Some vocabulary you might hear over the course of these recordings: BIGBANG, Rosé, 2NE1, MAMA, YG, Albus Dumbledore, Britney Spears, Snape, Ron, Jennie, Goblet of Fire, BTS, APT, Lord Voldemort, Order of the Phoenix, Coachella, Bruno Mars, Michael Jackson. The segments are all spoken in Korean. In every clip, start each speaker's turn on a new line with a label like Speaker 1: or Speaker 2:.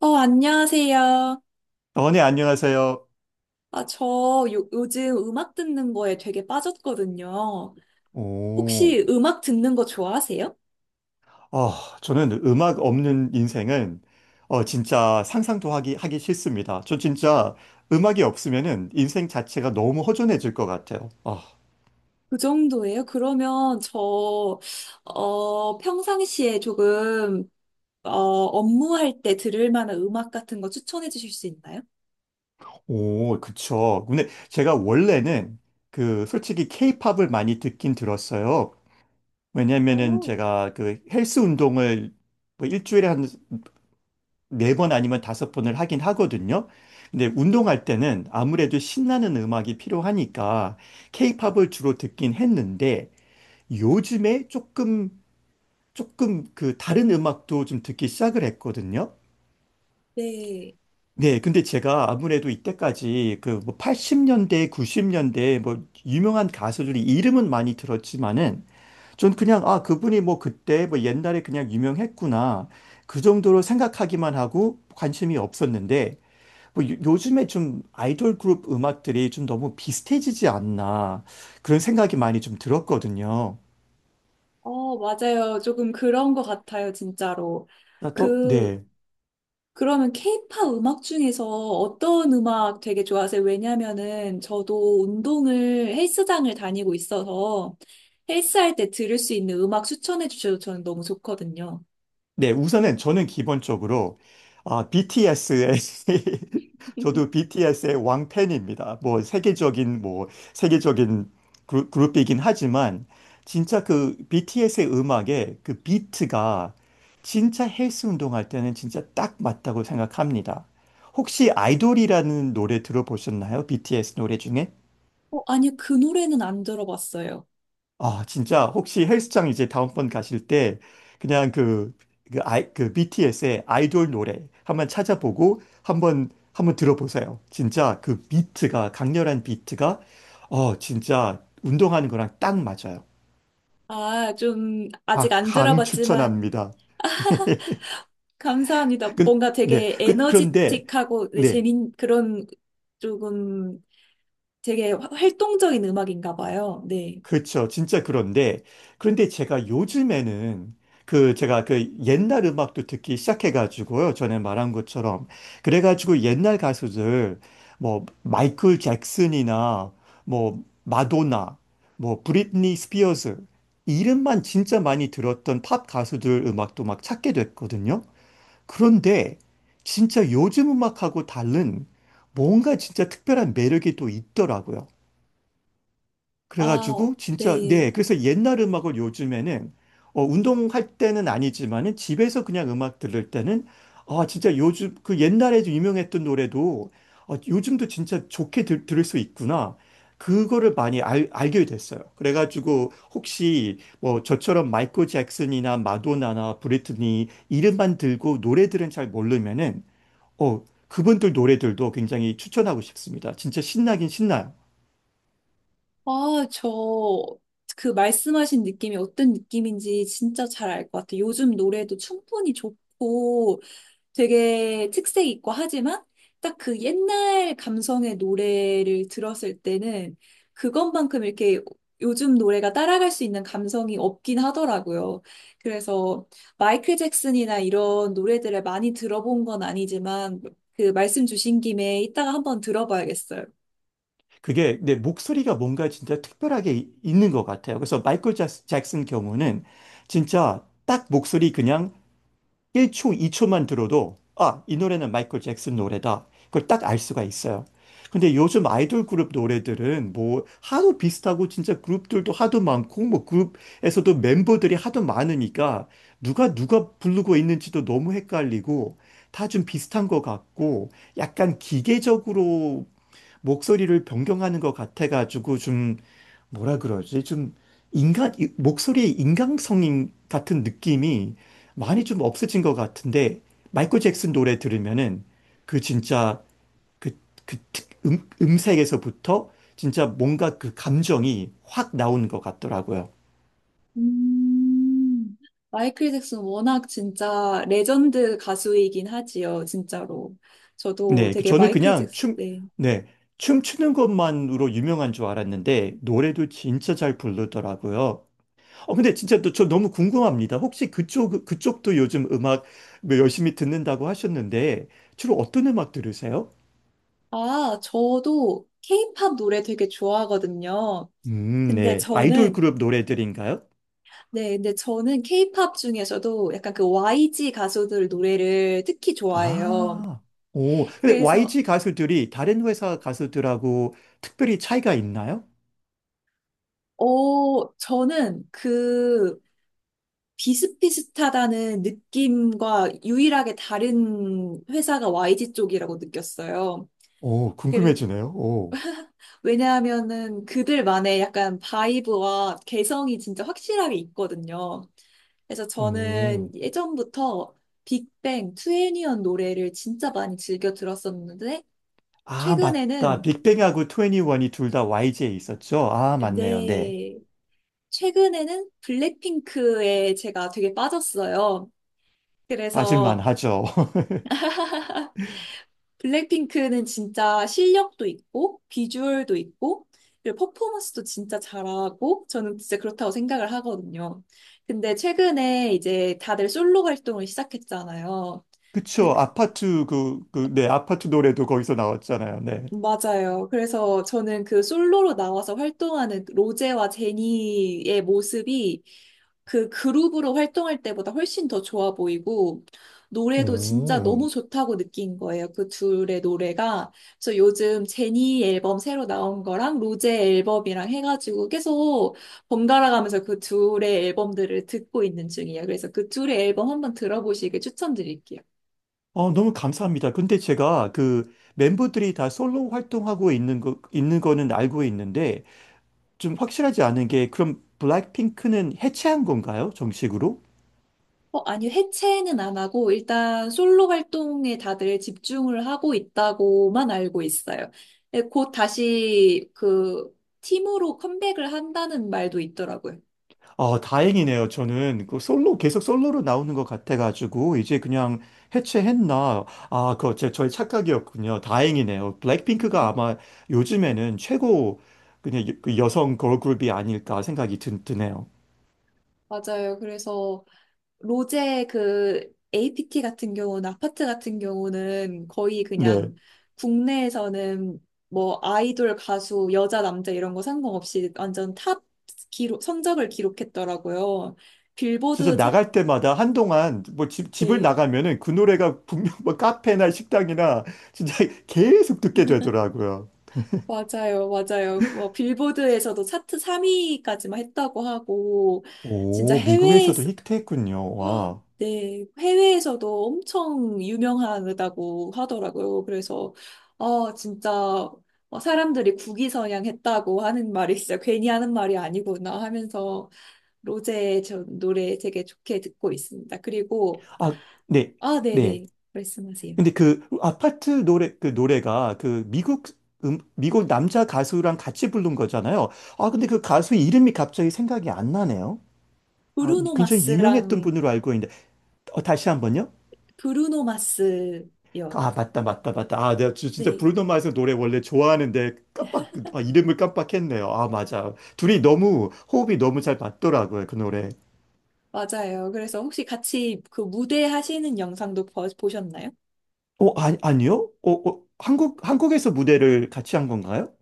Speaker 1: 안녕하세요.
Speaker 2: 네, 안녕하세요.
Speaker 1: 아, 저 요즘 음악 듣는 거에 되게 빠졌거든요.
Speaker 2: 오,
Speaker 1: 혹시 음악 듣는 거 좋아하세요?
Speaker 2: 어, 저는 음악 없는 인생은 진짜 상상도 하기 싫습니다. 저 진짜 음악이 없으면은 인생 자체가 너무 허전해질 것 같아요. 아,
Speaker 1: 그 정도예요? 그러면 평상시에 업무할 때 들을 만한 음악 같은 거 추천해 주실 수 있나요?
Speaker 2: 오, 그쵸. 근데 제가 원래는 그 솔직히 케이팝을 많이 듣긴 들었어요. 왜냐면은
Speaker 1: 오,
Speaker 2: 제가 그 헬스 운동을 뭐 일주일에 한 네 번 아니면 다섯 번을 하긴 하거든요. 근데 운동할 때는 아무래도 신나는 음악이 필요하니까 케이팝을 주로 듣긴 했는데 요즘에 조금 그 다른 음악도 좀 듣기 시작을 했거든요.
Speaker 1: 네.
Speaker 2: 네, 근데 제가 아무래도 이때까지 그뭐 80년대, 90년대 뭐 유명한 가수들이 이름은 많이 들었지만은 전 그냥 아, 그분이 뭐 그때 뭐 옛날에 그냥 유명했구나. 그 정도로 생각하기만 하고 관심이 없었는데 뭐 요즘에 좀 아이돌 그룹 음악들이 좀 너무 비슷해지지 않나 그런 생각이 많이 좀 들었거든요.
Speaker 1: 어, 맞아요. 조금 그런 것 같아요, 진짜로.
Speaker 2: 나 또,
Speaker 1: 그,
Speaker 2: 네.
Speaker 1: 그러면 케이팝 음악 중에서 어떤 음악 되게 좋아하세요? 왜냐면은 저도 운동을 헬스장을 다니고 있어서 헬스할 때 들을 수 있는 음악 추천해 주셔도 저는 너무 좋거든요.
Speaker 2: 네, 우선은 저는 기본적으로 아, BTS의 저도 BTS의 왕팬입니다. 세계적인 그룹이긴 하지만 진짜 그 BTS의 음악에 그 비트가 진짜 헬스 운동할 때는 진짜 딱 맞다고 생각합니다. 혹시 아이돌이라는 노래 들어보셨나요? BTS 노래 중에?
Speaker 1: 어, 아니요, 그 노래는 안 들어봤어요.
Speaker 2: 아, 진짜 혹시 헬스장 이제 다음번 가실 때 그냥 그 BTS의 아이돌 노래 한번 찾아보고 한번 들어보세요. 진짜 그 비트가 강렬한 비트가 진짜 운동하는 거랑 딱 맞아요.
Speaker 1: 아, 좀 아직
Speaker 2: 아,
Speaker 1: 안
Speaker 2: 강
Speaker 1: 들어봤지만
Speaker 2: 추천합니다.
Speaker 1: 감사합니다. 뭔가
Speaker 2: 네.
Speaker 1: 되게
Speaker 2: 그런데
Speaker 1: 에너지틱하고 네,
Speaker 2: 네.
Speaker 1: 재밌 그런 조금 되게 활동적인 음악인가 봐요. 네.
Speaker 2: 그렇죠. 진짜 그런데 제가 요즘에는 그 제가 그 옛날 음악도 듣기 시작해가지고요. 전에 말한 것처럼. 그래가지고 옛날 가수들, 뭐, 마이클 잭슨이나 뭐, 마도나, 뭐, 브리트니 스피어스, 이름만 진짜 많이 들었던 팝 가수들 음악도 막 찾게 됐거든요. 그런데 진짜 요즘 음악하고 다른 뭔가 진짜 특별한 매력이 또 있더라고요.
Speaker 1: 아,
Speaker 2: 그래가지고 진짜
Speaker 1: 네.
Speaker 2: 네, 그래서 옛날 음악을 요즘에는 운동할 때는 아니지만은 집에서 그냥 음악 들을 때는 아, 진짜 요즘 그 옛날에 유명했던 노래도 요즘도 진짜 좋게 들을 수 있구나. 그거를 많이 알게 됐어요. 그래가지고 혹시 뭐 저처럼 마이클 잭슨이나 마돈나나 브리트니 이름만 들고 노래들은 잘 모르면은 어 그분들 노래들도 굉장히 추천하고 싶습니다. 진짜 신나긴 신나요.
Speaker 1: 아, 저, 그 말씀하신 느낌이 어떤 느낌인지 진짜 잘 알 것 같아요. 요즘 노래도 충분히 좋고 되게 특색 있고 하지만 딱 그 옛날 감성의 노래를 들었을 때는 그것만큼 이렇게 요즘 노래가 따라갈 수 있는 감성이 없긴 하더라고요. 그래서 마이클 잭슨이나 이런 노래들을 많이 들어본 건 아니지만 그 말씀 주신 김에 이따가 한번 들어봐야겠어요.
Speaker 2: 그게 내 목소리가 뭔가 진짜 특별하게 있는 것 같아요. 그래서 마이클 잭슨 경우는 진짜 딱 목소리 그냥 1초, 2초만 들어도 아, 이 노래는 마이클 잭슨 노래다. 그걸 딱 알 수가 있어요. 근데 요즘 아이돌 그룹 노래들은 뭐 하도 비슷하고 진짜 그룹들도 하도 많고 뭐 그룹에서도 멤버들이 하도 많으니까 누가 누가 부르고 있는지도 너무 헷갈리고 다 좀 비슷한 것 같고 약간 기계적으로 목소리를 변경하는 것 같아가지고 좀 뭐라 그러지? 좀 인간, 이 목소리의 인간성 같은 느낌이 많이 좀 없어진 것 같은데, 마이클 잭슨 노래 들으면은 그 진짜 그, 그 음색에서부터 진짜 뭔가 그 감정이 확 나오는 것 같더라고요.
Speaker 1: 음, 마이클 잭슨 워낙 진짜 레전드 가수이긴 하지요, 진짜로. 저도
Speaker 2: 네, 그
Speaker 1: 되게
Speaker 2: 저는
Speaker 1: 마이클
Speaker 2: 그냥
Speaker 1: 잭슨, 네.
Speaker 2: 네, 춤추는 것만으로 유명한 줄 알았는데, 노래도 진짜 잘 부르더라고요. 근데 진짜 또 저 너무 궁금합니다. 혹시 그쪽도 요즘 음악 뭐 열심히 듣는다고 하셨는데, 주로 어떤 음악 들으세요?
Speaker 1: 아, 저도 케이팝 노래 되게 좋아하거든요. 근데
Speaker 2: 네. 아이돌
Speaker 1: 저는,
Speaker 2: 그룹 노래들인가요?
Speaker 1: 네, 근데 저는 케이팝 중에서도 약간 그 YG 가수들 노래를 특히 좋아해요.
Speaker 2: 아, 오. 근데
Speaker 1: 그래서,
Speaker 2: YG 가수들이 다른 회사 가수들하고 특별히 차이가 있나요?
Speaker 1: 어, 저는 그 비슷비슷하다는 느낌과 유일하게 다른 회사가 YG 쪽이라고 느꼈어요.
Speaker 2: 오,
Speaker 1: 그래-
Speaker 2: 궁금해지네요. 오.
Speaker 1: 왜냐하면은 그들만의 약간 바이브와 개성이 진짜 확실하게 있거든요. 그래서
Speaker 2: 오.
Speaker 1: 저는 예전부터 빅뱅, 투애니언 노래를 진짜 많이 즐겨 들었었는데,
Speaker 2: 아, 맞다.
Speaker 1: 최근에는,
Speaker 2: 빅뱅하고 트 n 니원이 둘 다 YG에 있었죠? 아, 맞네요. 네.
Speaker 1: 네, 최근에는 블랙핑크에 제가 되게 빠졌어요.
Speaker 2: 빠질만
Speaker 1: 그래서
Speaker 2: 하죠.
Speaker 1: 블랙핑크는 진짜 실력도 있고, 비주얼도 있고, 그리고 퍼포먼스도 진짜 잘하고, 저는 진짜 그렇다고 생각을 하거든요. 근데 최근에 이제 다들 솔로 활동을 시작했잖아요.
Speaker 2: 그쵸. 아파트 네, 아파트 노래도 거기서 나왔잖아요. 네.
Speaker 1: 맞아요. 그래서 저는 그 솔로로 나와서 활동하는 로제와 제니의 모습이 그 그룹으로 활동할 때보다 훨씬 더 좋아 보이고, 노래도 진짜 너무
Speaker 2: 음,
Speaker 1: 좋다고 느낀 거예요. 그 둘의 노래가. 그래서 요즘 제니 앨범 새로 나온 거랑 로제 앨범이랑 해가지고 계속 번갈아가면서 그 둘의 앨범들을 듣고 있는 중이에요. 그래서 그 둘의 앨범 한번 들어보시길 추천드릴게요.
Speaker 2: 너무 감사합니다. 근데 제가 그 멤버들이 다 솔로 활동하고 있는 거는 알고 있는데 좀 확실하지 않은 게 그럼 블랙핑크는 해체한 건가요? 정식으로?
Speaker 1: 어, 아니, 해체는 안 하고, 일단 솔로 활동에 다들 집중을 하고 있다고만 알고 있어요. 네, 곧 다시 그 팀으로 컴백을 한다는 말도 있더라고요.
Speaker 2: 아, 다행이네요. 저는 그 솔로, 계속 솔로로 나오는 것 같아가지고, 이제 그냥 해체했나. 아, 그거 저의 착각이었군요. 다행이네요. 블랙핑크가 아마 요즘에는 최고 그냥 그 여성 걸그룹이 아닐까 생각이 드네요.
Speaker 1: 맞아요. 그래서 로제 그 APT 같은 경우는, 아파트 같은 경우는 거의 그냥
Speaker 2: 네.
Speaker 1: 국내에서는 뭐 아이돌, 가수, 여자, 남자 이런 거 상관없이 완전 탑 기록, 성적을 기록했더라고요.
Speaker 2: 진짜
Speaker 1: 빌보드 차트.
Speaker 2: 나갈 때마다 한동안 뭐 집을
Speaker 1: 네.
Speaker 2: 나가면은 그 노래가 분명 뭐 카페나 식당이나 진짜 계속 듣게 되더라고요.
Speaker 1: 맞아요, 맞아요. 뭐 빌보드에서도 차트 3위까지만 했다고 하고, 진짜
Speaker 2: 오, 미국에서도
Speaker 1: 해외에서,
Speaker 2: 히트했군요.
Speaker 1: 와,
Speaker 2: 와.
Speaker 1: 네, 해외에서도 엄청 유명하다고 하더라고요. 아, 진짜, 어, 사람들이 국위선양 했다고 하는 말이 진짜 괜히 하는 말이 아니구나 하면서, 로제 저 노래 되게 좋게 듣고 있습니다.
Speaker 2: 아, 네.
Speaker 1: 아,
Speaker 2: 네.
Speaker 1: 네네, 말씀하세요.
Speaker 2: 근데 그 아파트 노래 그 노래가 그 미국 남자 가수랑 같이 부른 거잖아요. 아, 근데 그 가수 이름이 갑자기 생각이 안 나네요. 아,
Speaker 1: 브루노
Speaker 2: 굉장히 유명했던
Speaker 1: 마스랑,
Speaker 2: 분으로 알고 있는데 다시 한번요.
Speaker 1: 브루노 마스요.
Speaker 2: 아, 맞다 맞다 맞다. 아, 내가 진짜
Speaker 1: 네.
Speaker 2: 브루노 마스 노래 원래 좋아하는데 깜빡, 아, 이름을 깜빡했네요. 아, 맞아. 둘이 너무 호흡이 너무 잘 맞더라고요. 그 노래.
Speaker 1: 맞아요. 그래서 혹시 같이 그 무대 하시는 영상도 보셨나요?
Speaker 2: 아니 아니요? 한국에서 무대를 같이 한 건가요?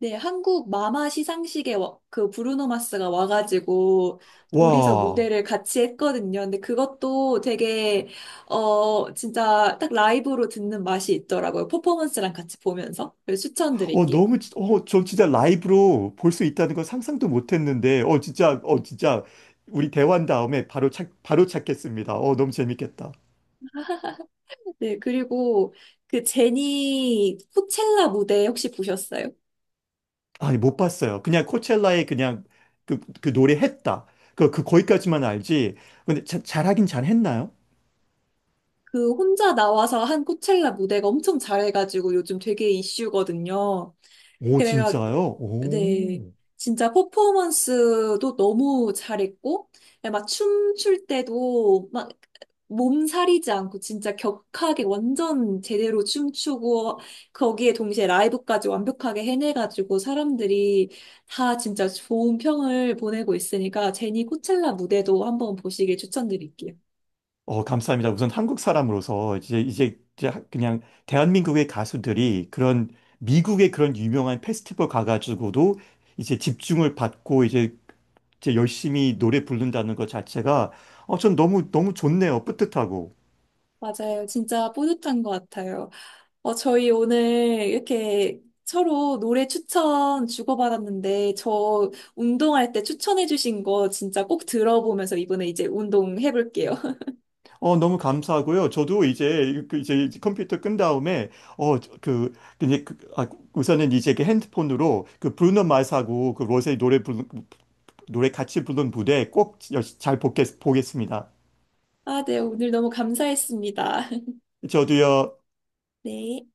Speaker 1: 네, 한국 마마 시상식에 그 브루노 마스가 와가지고 둘이서
Speaker 2: 와.
Speaker 1: 무대를 같이 했거든요. 근데 그것도 되게 어 진짜 딱 라이브로 듣는 맛이 있더라고요. 퍼포먼스랑 같이 보면서. 그래서 추천드릴게요.
Speaker 2: 너무, 저 진짜 라이브로 볼 수 있다는 건 상상도 못 했는데, 진짜, 진짜, 우리 대화한 다음에 바로 찾겠습니다. 너무 재밌겠다.
Speaker 1: 네, 그리고 그 제니 코첼라 무대 혹시 보셨어요?
Speaker 2: 아니, 못 봤어요. 그냥 코첼라에 그냥 그 노래 했다. 거기까지만 알지. 근데 잘하긴 잘했나요?
Speaker 1: 그 혼자 나와서 한 코첼라 무대가 엄청 잘해가지고 요즘 되게 이슈거든요.
Speaker 2: 오,
Speaker 1: 그래가
Speaker 2: 진짜요?
Speaker 1: 네.
Speaker 2: 오.
Speaker 1: 진짜 퍼포먼스도 너무 잘했고, 막 춤출 때도 막 몸살이지 않고 진짜 격하게 완전 제대로 춤추고, 거기에 동시에 라이브까지 완벽하게 해내가지고 사람들이 다 진짜 좋은 평을 보내고 있으니까 제니 코첼라 무대도 한번 보시길 추천드릴게요.
Speaker 2: 감사합니다. 우선 한국 사람으로서 이제 그냥 대한민국의 가수들이 그런 미국의 그런 유명한 페스티벌 가가지고도 이제 집중을 받고 이제 열심히 노래 부른다는 것 자체가 전 너무, 너무 좋네요. 뿌듯하고.
Speaker 1: 맞아요. 진짜 뿌듯한 것 같아요. 저희 오늘 이렇게 서로 노래 추천 주고받았는데, 저 운동할 때 추천해주신 거 진짜 꼭 들어보면서 이번에 이제 운동해볼게요.
Speaker 2: 너무 감사하고요. 저도 이제, 그 이제 컴퓨터 끈 다음에 어, 저- 그, 이제 그, 아, 우선은 이제 그 핸드폰으로 그 브루노 마스하고 그 로제 노래 같이 부른 무대 꼭 잘 보겠습니다.
Speaker 1: 아, 네, 오늘 너무 감사했습니다.
Speaker 2: 저도요,
Speaker 1: 네.